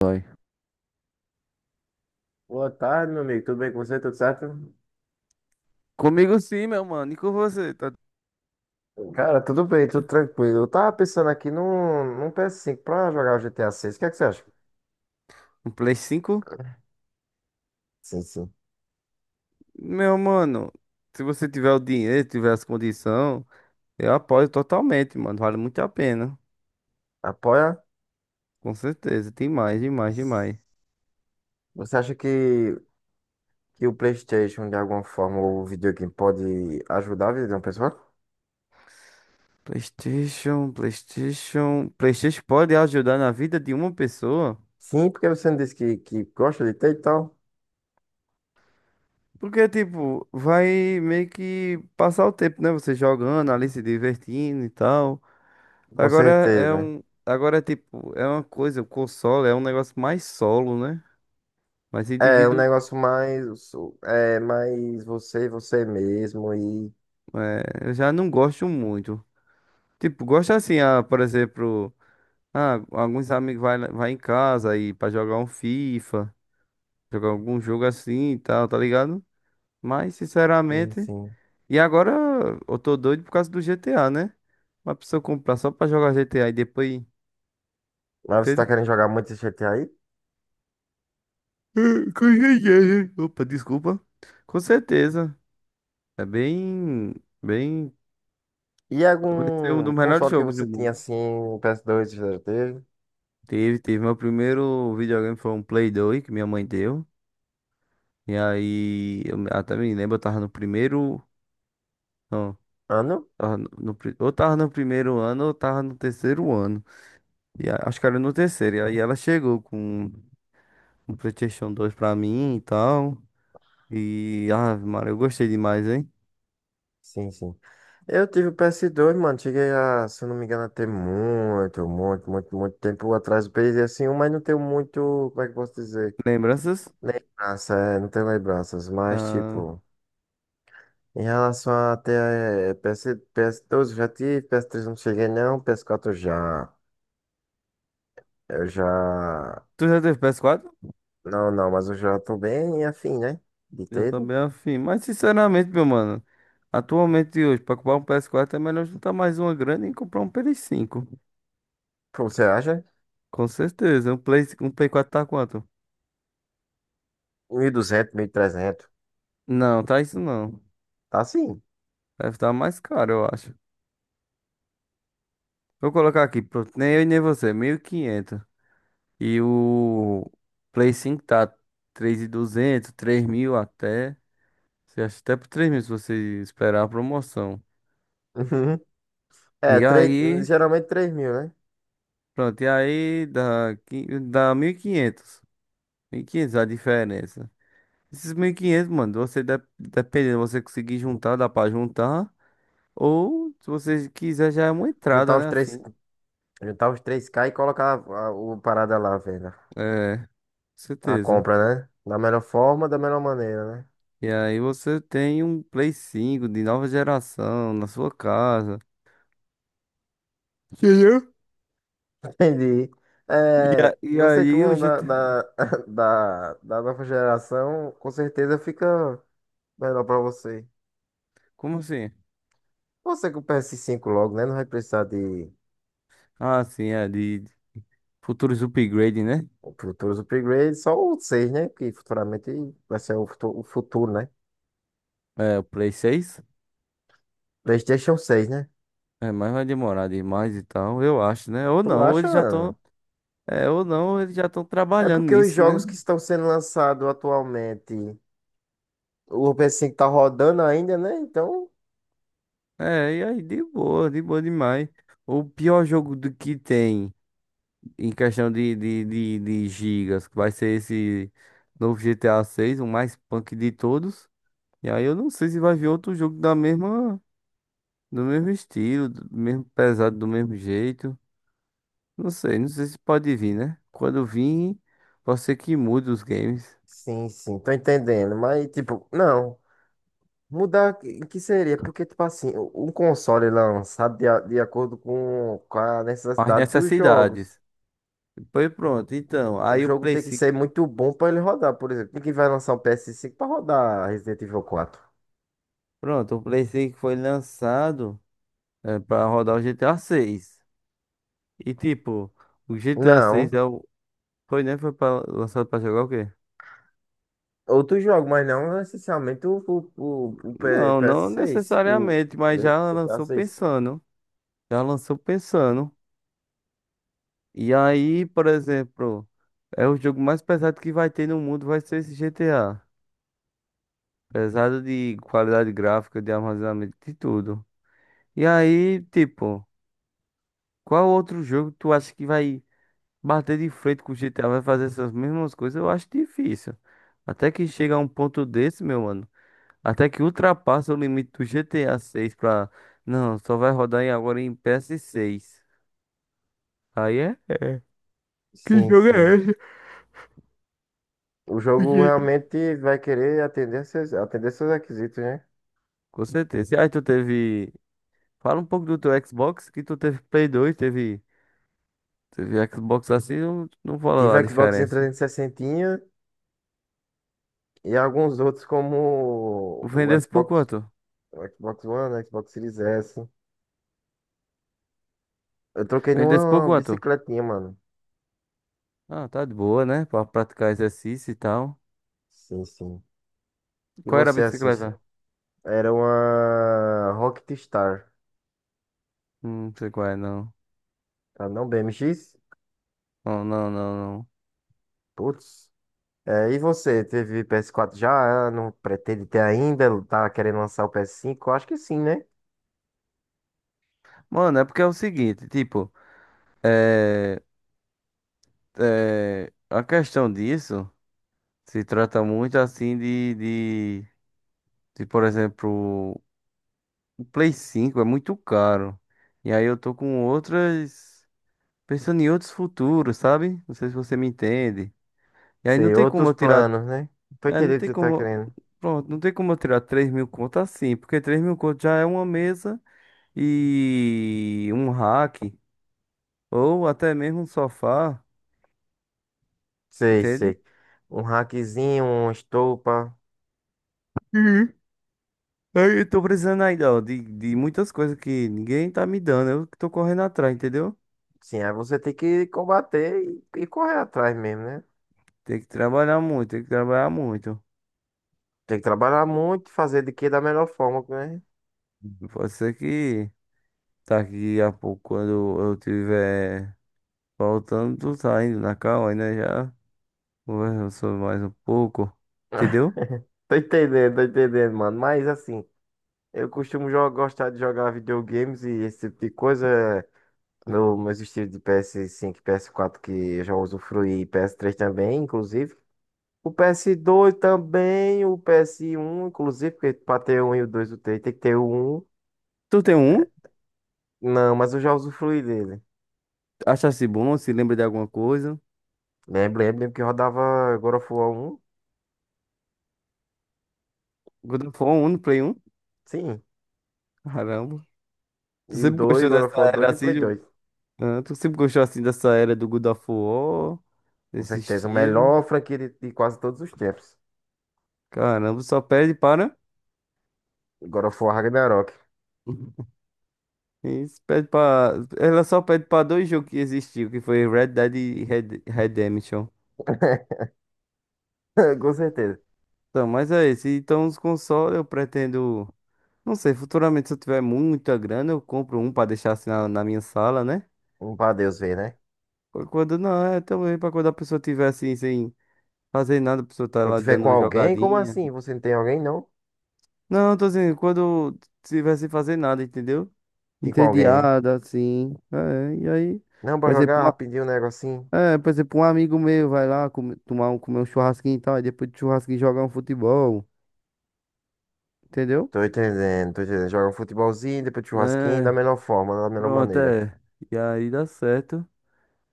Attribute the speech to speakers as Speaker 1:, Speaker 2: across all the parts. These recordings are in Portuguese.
Speaker 1: Dói.
Speaker 2: Boa tarde, meu amigo. Tudo bem com você? Tudo certo?
Speaker 1: Comigo sim, meu mano. E com você? Tá...
Speaker 2: Cara, tudo bem, tudo tranquilo. Eu tava pensando aqui num PS5 pra jogar o GTA 6. O que é que você acha?
Speaker 1: Um Play 5?
Speaker 2: Sim, sim.
Speaker 1: Meu mano, se você tiver o dinheiro, tiver as condições, eu apoio totalmente, mano. Vale muito a pena.
Speaker 2: Apoia?
Speaker 1: Com certeza. Tem mais, demais, demais.
Speaker 2: Você acha que o PlayStation, de alguma forma, ou o videogame pode ajudar a vida de uma pessoa?
Speaker 1: PlayStation, PlayStation. PlayStation pode ajudar na vida de uma pessoa.
Speaker 2: Sim, porque você não disse que gosta de ter e tal.
Speaker 1: Porque, tipo, vai meio que passar o tempo, né? Você jogando ali, se divertindo e tal.
Speaker 2: Com
Speaker 1: Agora é
Speaker 2: certeza.
Speaker 1: um. Agora, tipo, é uma coisa, o console é um negócio mais solo, né? Mas
Speaker 2: É um
Speaker 1: indivíduo,
Speaker 2: negócio mais. É mais você mesmo e.
Speaker 1: eu já não gosto muito. Tipo, gosto assim, ah, por exemplo, ah, alguns amigos vai, vai em casa aí pra jogar um FIFA, jogar algum jogo assim e tal, tá ligado? Mas,
Speaker 2: Sim,
Speaker 1: sinceramente,
Speaker 2: sim.
Speaker 1: e agora eu tô doido por causa do GTA, né? Uma pessoa comprar só pra jogar GTA e depois,
Speaker 2: Mas você tá
Speaker 1: entende?
Speaker 2: querendo jogar muito esse GTA aí?
Speaker 1: Com certeza. Opa, desculpa. Com certeza. É bem, bem,
Speaker 2: E
Speaker 1: vai ser um
Speaker 2: algum
Speaker 1: dos melhores
Speaker 2: console que
Speaker 1: jogos
Speaker 2: você
Speaker 1: do
Speaker 2: tinha
Speaker 1: mundo.
Speaker 2: assim, o PS2 você já teve?
Speaker 1: Teve, teve. Meu primeiro videogame foi um Play 2 que minha mãe deu. E aí, até me lembro, eu tava no primeiro. Não,
Speaker 2: Ah, não?
Speaker 1: tava no ou tava no primeiro ano ou tava no terceiro ano. Acho que era no terceiro. E aí ela chegou com um PlayStation 2 pra mim e tal. E, ah, Maria, eu gostei demais, hein?
Speaker 2: Sim, sim. Eu tive o PS2, mano. Cheguei a, se eu não me engano, a ter muito, muito, muito, muito tempo atrás do PS1, mas não tenho muito, como é que eu posso dizer?
Speaker 1: Lembranças?
Speaker 2: Lembrança, é, não tenho lembranças. Mas,
Speaker 1: Ah,
Speaker 2: tipo, em relação a ter eh, PS, PS2 eu já tive, PS3 não cheguei, não, PS4 já. Eu já.
Speaker 1: tu já teve PS4?
Speaker 2: Não, não, mas eu já tô bem afim, né? De
Speaker 1: Eu
Speaker 2: ter.
Speaker 1: também afim. Mas, sinceramente, meu mano, atualmente hoje, pra comprar um PS4 é melhor juntar mais uma grana e comprar um PS5.
Speaker 2: Pô, você acha?
Speaker 1: Com certeza. Um Play 4 tá quanto?
Speaker 2: 1.200, trezentos?
Speaker 1: Não, tá isso não.
Speaker 2: Tá, sim.
Speaker 1: Deve estar mais caro, eu acho. Vou colocar aqui, pronto. Nem eu e nem você, 1.500. E quinhentos. E o Play 5 tá 3.200, 3.000 até. Você acha até por 3.000 se você esperar a promoção.
Speaker 2: Uhum. É,
Speaker 1: E aí,
Speaker 2: geralmente 3.000, né?
Speaker 1: pronto, e aí dá 1.500. Quinhentos, 1.500 a diferença. Esses 1.500, mano, dependendo, você conseguir juntar, dá pra juntar. Ou, se você quiser, já é uma entrada,
Speaker 2: Juntar os
Speaker 1: né?
Speaker 2: 3
Speaker 1: Assim.
Speaker 2: juntar os 3K e colocar o parada lá, a venda.
Speaker 1: É, com
Speaker 2: A
Speaker 1: certeza.
Speaker 2: compra, né? Da melhor forma, da melhor maneira, né?
Speaker 1: E aí você tem um Play cinco de nova geração na sua casa. Entendeu?
Speaker 2: Entendi.
Speaker 1: E,
Speaker 2: É,
Speaker 1: e
Speaker 2: você
Speaker 1: aí o
Speaker 2: como
Speaker 1: GT...
Speaker 2: da nova geração, com certeza fica melhor pra você.
Speaker 1: Como assim?
Speaker 2: Você com o PS5 logo, né? Não vai precisar de
Speaker 1: Ah, sim, é de futuros upgrade, né?
Speaker 2: futuros upgrades, só o 6, né? Que futuramente vai ser o futuro, né?
Speaker 1: É, o Play seis.
Speaker 2: PlayStation 6, né?
Speaker 1: É, mas vai demorar demais e tal, eu acho, né? Ou
Speaker 2: Tu
Speaker 1: não, ou eles já estão...
Speaker 2: acha?
Speaker 1: É, ou não, ou eles já estão
Speaker 2: É
Speaker 1: trabalhando
Speaker 2: porque os
Speaker 1: nisso, né?
Speaker 2: jogos que estão sendo lançados atualmente, o PS5 tá rodando ainda, né? Então,
Speaker 1: É, e aí de boa demais. O pior jogo do que tem... em questão de gigas, que vai ser esse novo GTA 6, o mais punk de todos. E aí eu não sei se vai vir outro jogo da mesma, do mesmo estilo, do mesmo pesado, do mesmo jeito. Não sei, não sei se pode vir, né? Quando vir, pode ser que mude os games.
Speaker 2: sim, sim, tô entendendo. Mas, tipo, não. Mudar o que seria? Porque, tipo assim, um console lançado de acordo com a
Speaker 1: As
Speaker 2: necessidade dos jogos.
Speaker 1: necessidades. Foi, pronto, então,
Speaker 2: O
Speaker 1: aí o
Speaker 2: jogo
Speaker 1: Play
Speaker 2: tem que ser
Speaker 1: cinco,
Speaker 2: muito bom pra ele rodar, por exemplo. Quem que vai lançar um PS5 pra rodar Resident Evil 4?
Speaker 1: pronto, o Play 5 foi lançado, é, para rodar o GTA 6. E tipo, o GTA 6
Speaker 2: Não.
Speaker 1: é o... Foi, né? Foi pra, lançado pra jogar o quê?
Speaker 2: Outro jogo, mas não necessariamente
Speaker 1: Não,
Speaker 2: ps
Speaker 1: não
Speaker 2: seis, o
Speaker 1: necessariamente, mas já
Speaker 2: GTA
Speaker 1: lançou
Speaker 2: seis.
Speaker 1: pensando. Já lançou pensando. E aí, por exemplo, é o jogo mais pesado que vai ter no mundo, vai ser esse GTA. Pesado de qualidade gráfica, de armazenamento, de tudo. E aí, tipo, qual outro jogo tu acha que vai bater de frente com o GTA, vai fazer essas mesmas coisas? Eu acho difícil. Até que chega a um ponto desse, meu mano. Até que ultrapassa o limite do GTA 6 pra. Não, só vai rodar agora em PS6. Aí é, é. Que
Speaker 2: Sim,
Speaker 1: jogo é
Speaker 2: sim.
Speaker 1: esse?
Speaker 2: O jogo realmente vai querer atender seus requisitos, né?
Speaker 1: Com certeza. E aí tu teve. Fala um pouco do teu Xbox, que tu teve Play 2, teve. Teve Xbox assim, não, não fala
Speaker 2: Tive
Speaker 1: lá a
Speaker 2: o Xbox
Speaker 1: diferença.
Speaker 2: 360 e sessenta e alguns outros como
Speaker 1: Vendesse por quanto?
Speaker 2: O Xbox One, o Xbox Series S. Eu troquei
Speaker 1: Vendesse por
Speaker 2: numa
Speaker 1: quanto?
Speaker 2: bicicletinha, mano.
Speaker 1: Ah, tá de boa, né? Pra praticar exercício e tal.
Speaker 2: Sim, sim. E
Speaker 1: Qual era a
Speaker 2: você assiste?
Speaker 1: bicicleta?
Speaker 2: Era uma Rocket Star,
Speaker 1: Não sei qual é, não.
Speaker 2: tá? Não BMX?
Speaker 1: Não, não, não, não.
Speaker 2: Putz. É, e você, teve PS4 já? Ah, não pretende ter ainda? Tá querendo lançar o PS5? Eu acho que sim, né?
Speaker 1: Mano, é porque é o seguinte, tipo. é a questão disso se trata muito assim de, por exemplo, o Play cinco é muito caro. E aí eu tô com outras, pensando em outros futuros, sabe? Não sei se você me entende. E aí não
Speaker 2: Sei,
Speaker 1: tem como
Speaker 2: outros
Speaker 1: eu tirar,
Speaker 2: planos, né? Tô
Speaker 1: é, não
Speaker 2: entendendo o que
Speaker 1: tem
Speaker 2: você tá
Speaker 1: como,
Speaker 2: querendo.
Speaker 1: pronto, não tem como eu tirar 3.000 conto assim, porque 3.000 conto já é uma mesa e um rack, ou até mesmo um sofá,
Speaker 2: Sei,
Speaker 1: entende?
Speaker 2: sei. Um hackzinho, uma estopa.
Speaker 1: Aí eu tô precisando ainda, ó, de muitas coisas que ninguém tá me dando. Eu que tô correndo atrás, entendeu?
Speaker 2: Sim, aí você tem que combater e correr atrás mesmo, né?
Speaker 1: Tem que trabalhar muito, tem que trabalhar muito.
Speaker 2: Tem que trabalhar muito, fazer de que da melhor forma, né?
Speaker 1: Pode ser que daqui a pouco, quando eu tiver faltando, tu tá indo na calma, ainda já conversando sobre mais um pouco, entendeu?
Speaker 2: Tô entendendo, mano. Mas assim, eu costumo gostar de jogar videogames e esse tipo de coisa. é meus estilos de PS5, e PS4 que eu já usufruí, e PS3 também, inclusive. O PS2 também, o PS1, inclusive, porque pra ter um e o dois o três tem que ter o um.
Speaker 1: Tu tem um?
Speaker 2: Não, mas eu já usufruí dele.
Speaker 1: Achasse bom? Se lembra de alguma coisa?
Speaker 2: Lembro, lembro, lembro que rodava God of War 1,
Speaker 1: Quando for um, no Play um.
Speaker 2: sim.
Speaker 1: Caramba. Tu
Speaker 2: E o
Speaker 1: sempre
Speaker 2: 2
Speaker 1: gostou
Speaker 2: God of
Speaker 1: dessa
Speaker 2: War
Speaker 1: era
Speaker 2: 2 e o
Speaker 1: assim?
Speaker 2: Play dois
Speaker 1: Ah, tu sempre gostou assim dessa era do God of War?
Speaker 2: Com
Speaker 1: Desse
Speaker 2: certeza, o
Speaker 1: estilo?
Speaker 2: melhor franquia de quase todos os tempos.
Speaker 1: Caramba, só pede para.
Speaker 2: God of War Ragnarok.
Speaker 1: Isso, pede para. Ela só pede para dois jogos que existiu, que foi Red Dead e Red... Redemption.
Speaker 2: Com certeza.
Speaker 1: Então, mas é esse. Então, os consoles eu pretendo. Não sei, futuramente, se eu tiver muita grana, eu compro um pra deixar assim na minha sala, né?
Speaker 2: Um pra Deus ver, né?
Speaker 1: Quando não, é também pra quando a pessoa tiver assim, sem fazer nada, a pessoa tá
Speaker 2: Quando
Speaker 1: lá
Speaker 2: tiver
Speaker 1: dando
Speaker 2: com
Speaker 1: uma
Speaker 2: alguém, como
Speaker 1: jogadinha.
Speaker 2: assim? Você não tem alguém, não?
Speaker 1: Não, tô dizendo, quando tiver sem fazer nada, entendeu?
Speaker 2: Tem com alguém, né?
Speaker 1: Entediada, assim. É, e aí,
Speaker 2: Não, pra
Speaker 1: por exemplo,
Speaker 2: jogar rapidinho um negocinho.
Speaker 1: é, por exemplo, um amigo meu vai lá comer, tomar um, comer um churrasquinho e tal, e depois do churrasquinho jogar um futebol, entendeu?
Speaker 2: Tô entendendo, tô entendendo. Joga um futebolzinho, depois churrasquinho, da
Speaker 1: É,
Speaker 2: melhor forma, da melhor
Speaker 1: pronto,
Speaker 2: maneira.
Speaker 1: é. E aí dá certo.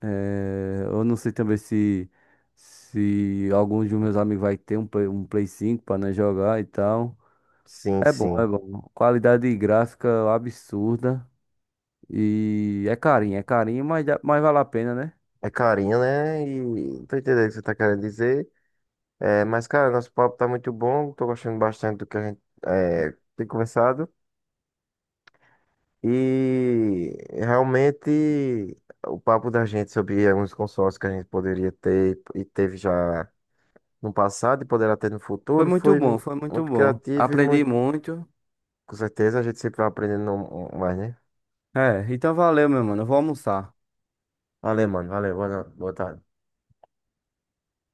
Speaker 1: É, eu não sei também se alguns dos meus amigos vai ter um, um Play cinco para nós jogar e tal.
Speaker 2: Sim,
Speaker 1: É bom,
Speaker 2: sim.
Speaker 1: é bom. Qualidade gráfica absurda. E é carinho, mas, mas vale a pena, né?
Speaker 2: É carinho, né? E tô entendendo o que você tá querendo dizer. É, mas, cara, nosso papo tá muito bom. Tô gostando bastante do que a gente tem conversado. E realmente o papo da gente sobre alguns consórcios que a gente poderia ter e teve já no passado e poderá ter no
Speaker 1: Foi
Speaker 2: futuro
Speaker 1: muito
Speaker 2: foi
Speaker 1: bom, foi muito
Speaker 2: muito
Speaker 1: bom.
Speaker 2: criativo e
Speaker 1: Aprendi
Speaker 2: muito.
Speaker 1: muito.
Speaker 2: Com certeza a gente sempre vai aprendendo mais, né?
Speaker 1: É, então valeu, meu mano. Eu vou almoçar.
Speaker 2: Valeu, mano. Valeu. Boa no- boa tarde.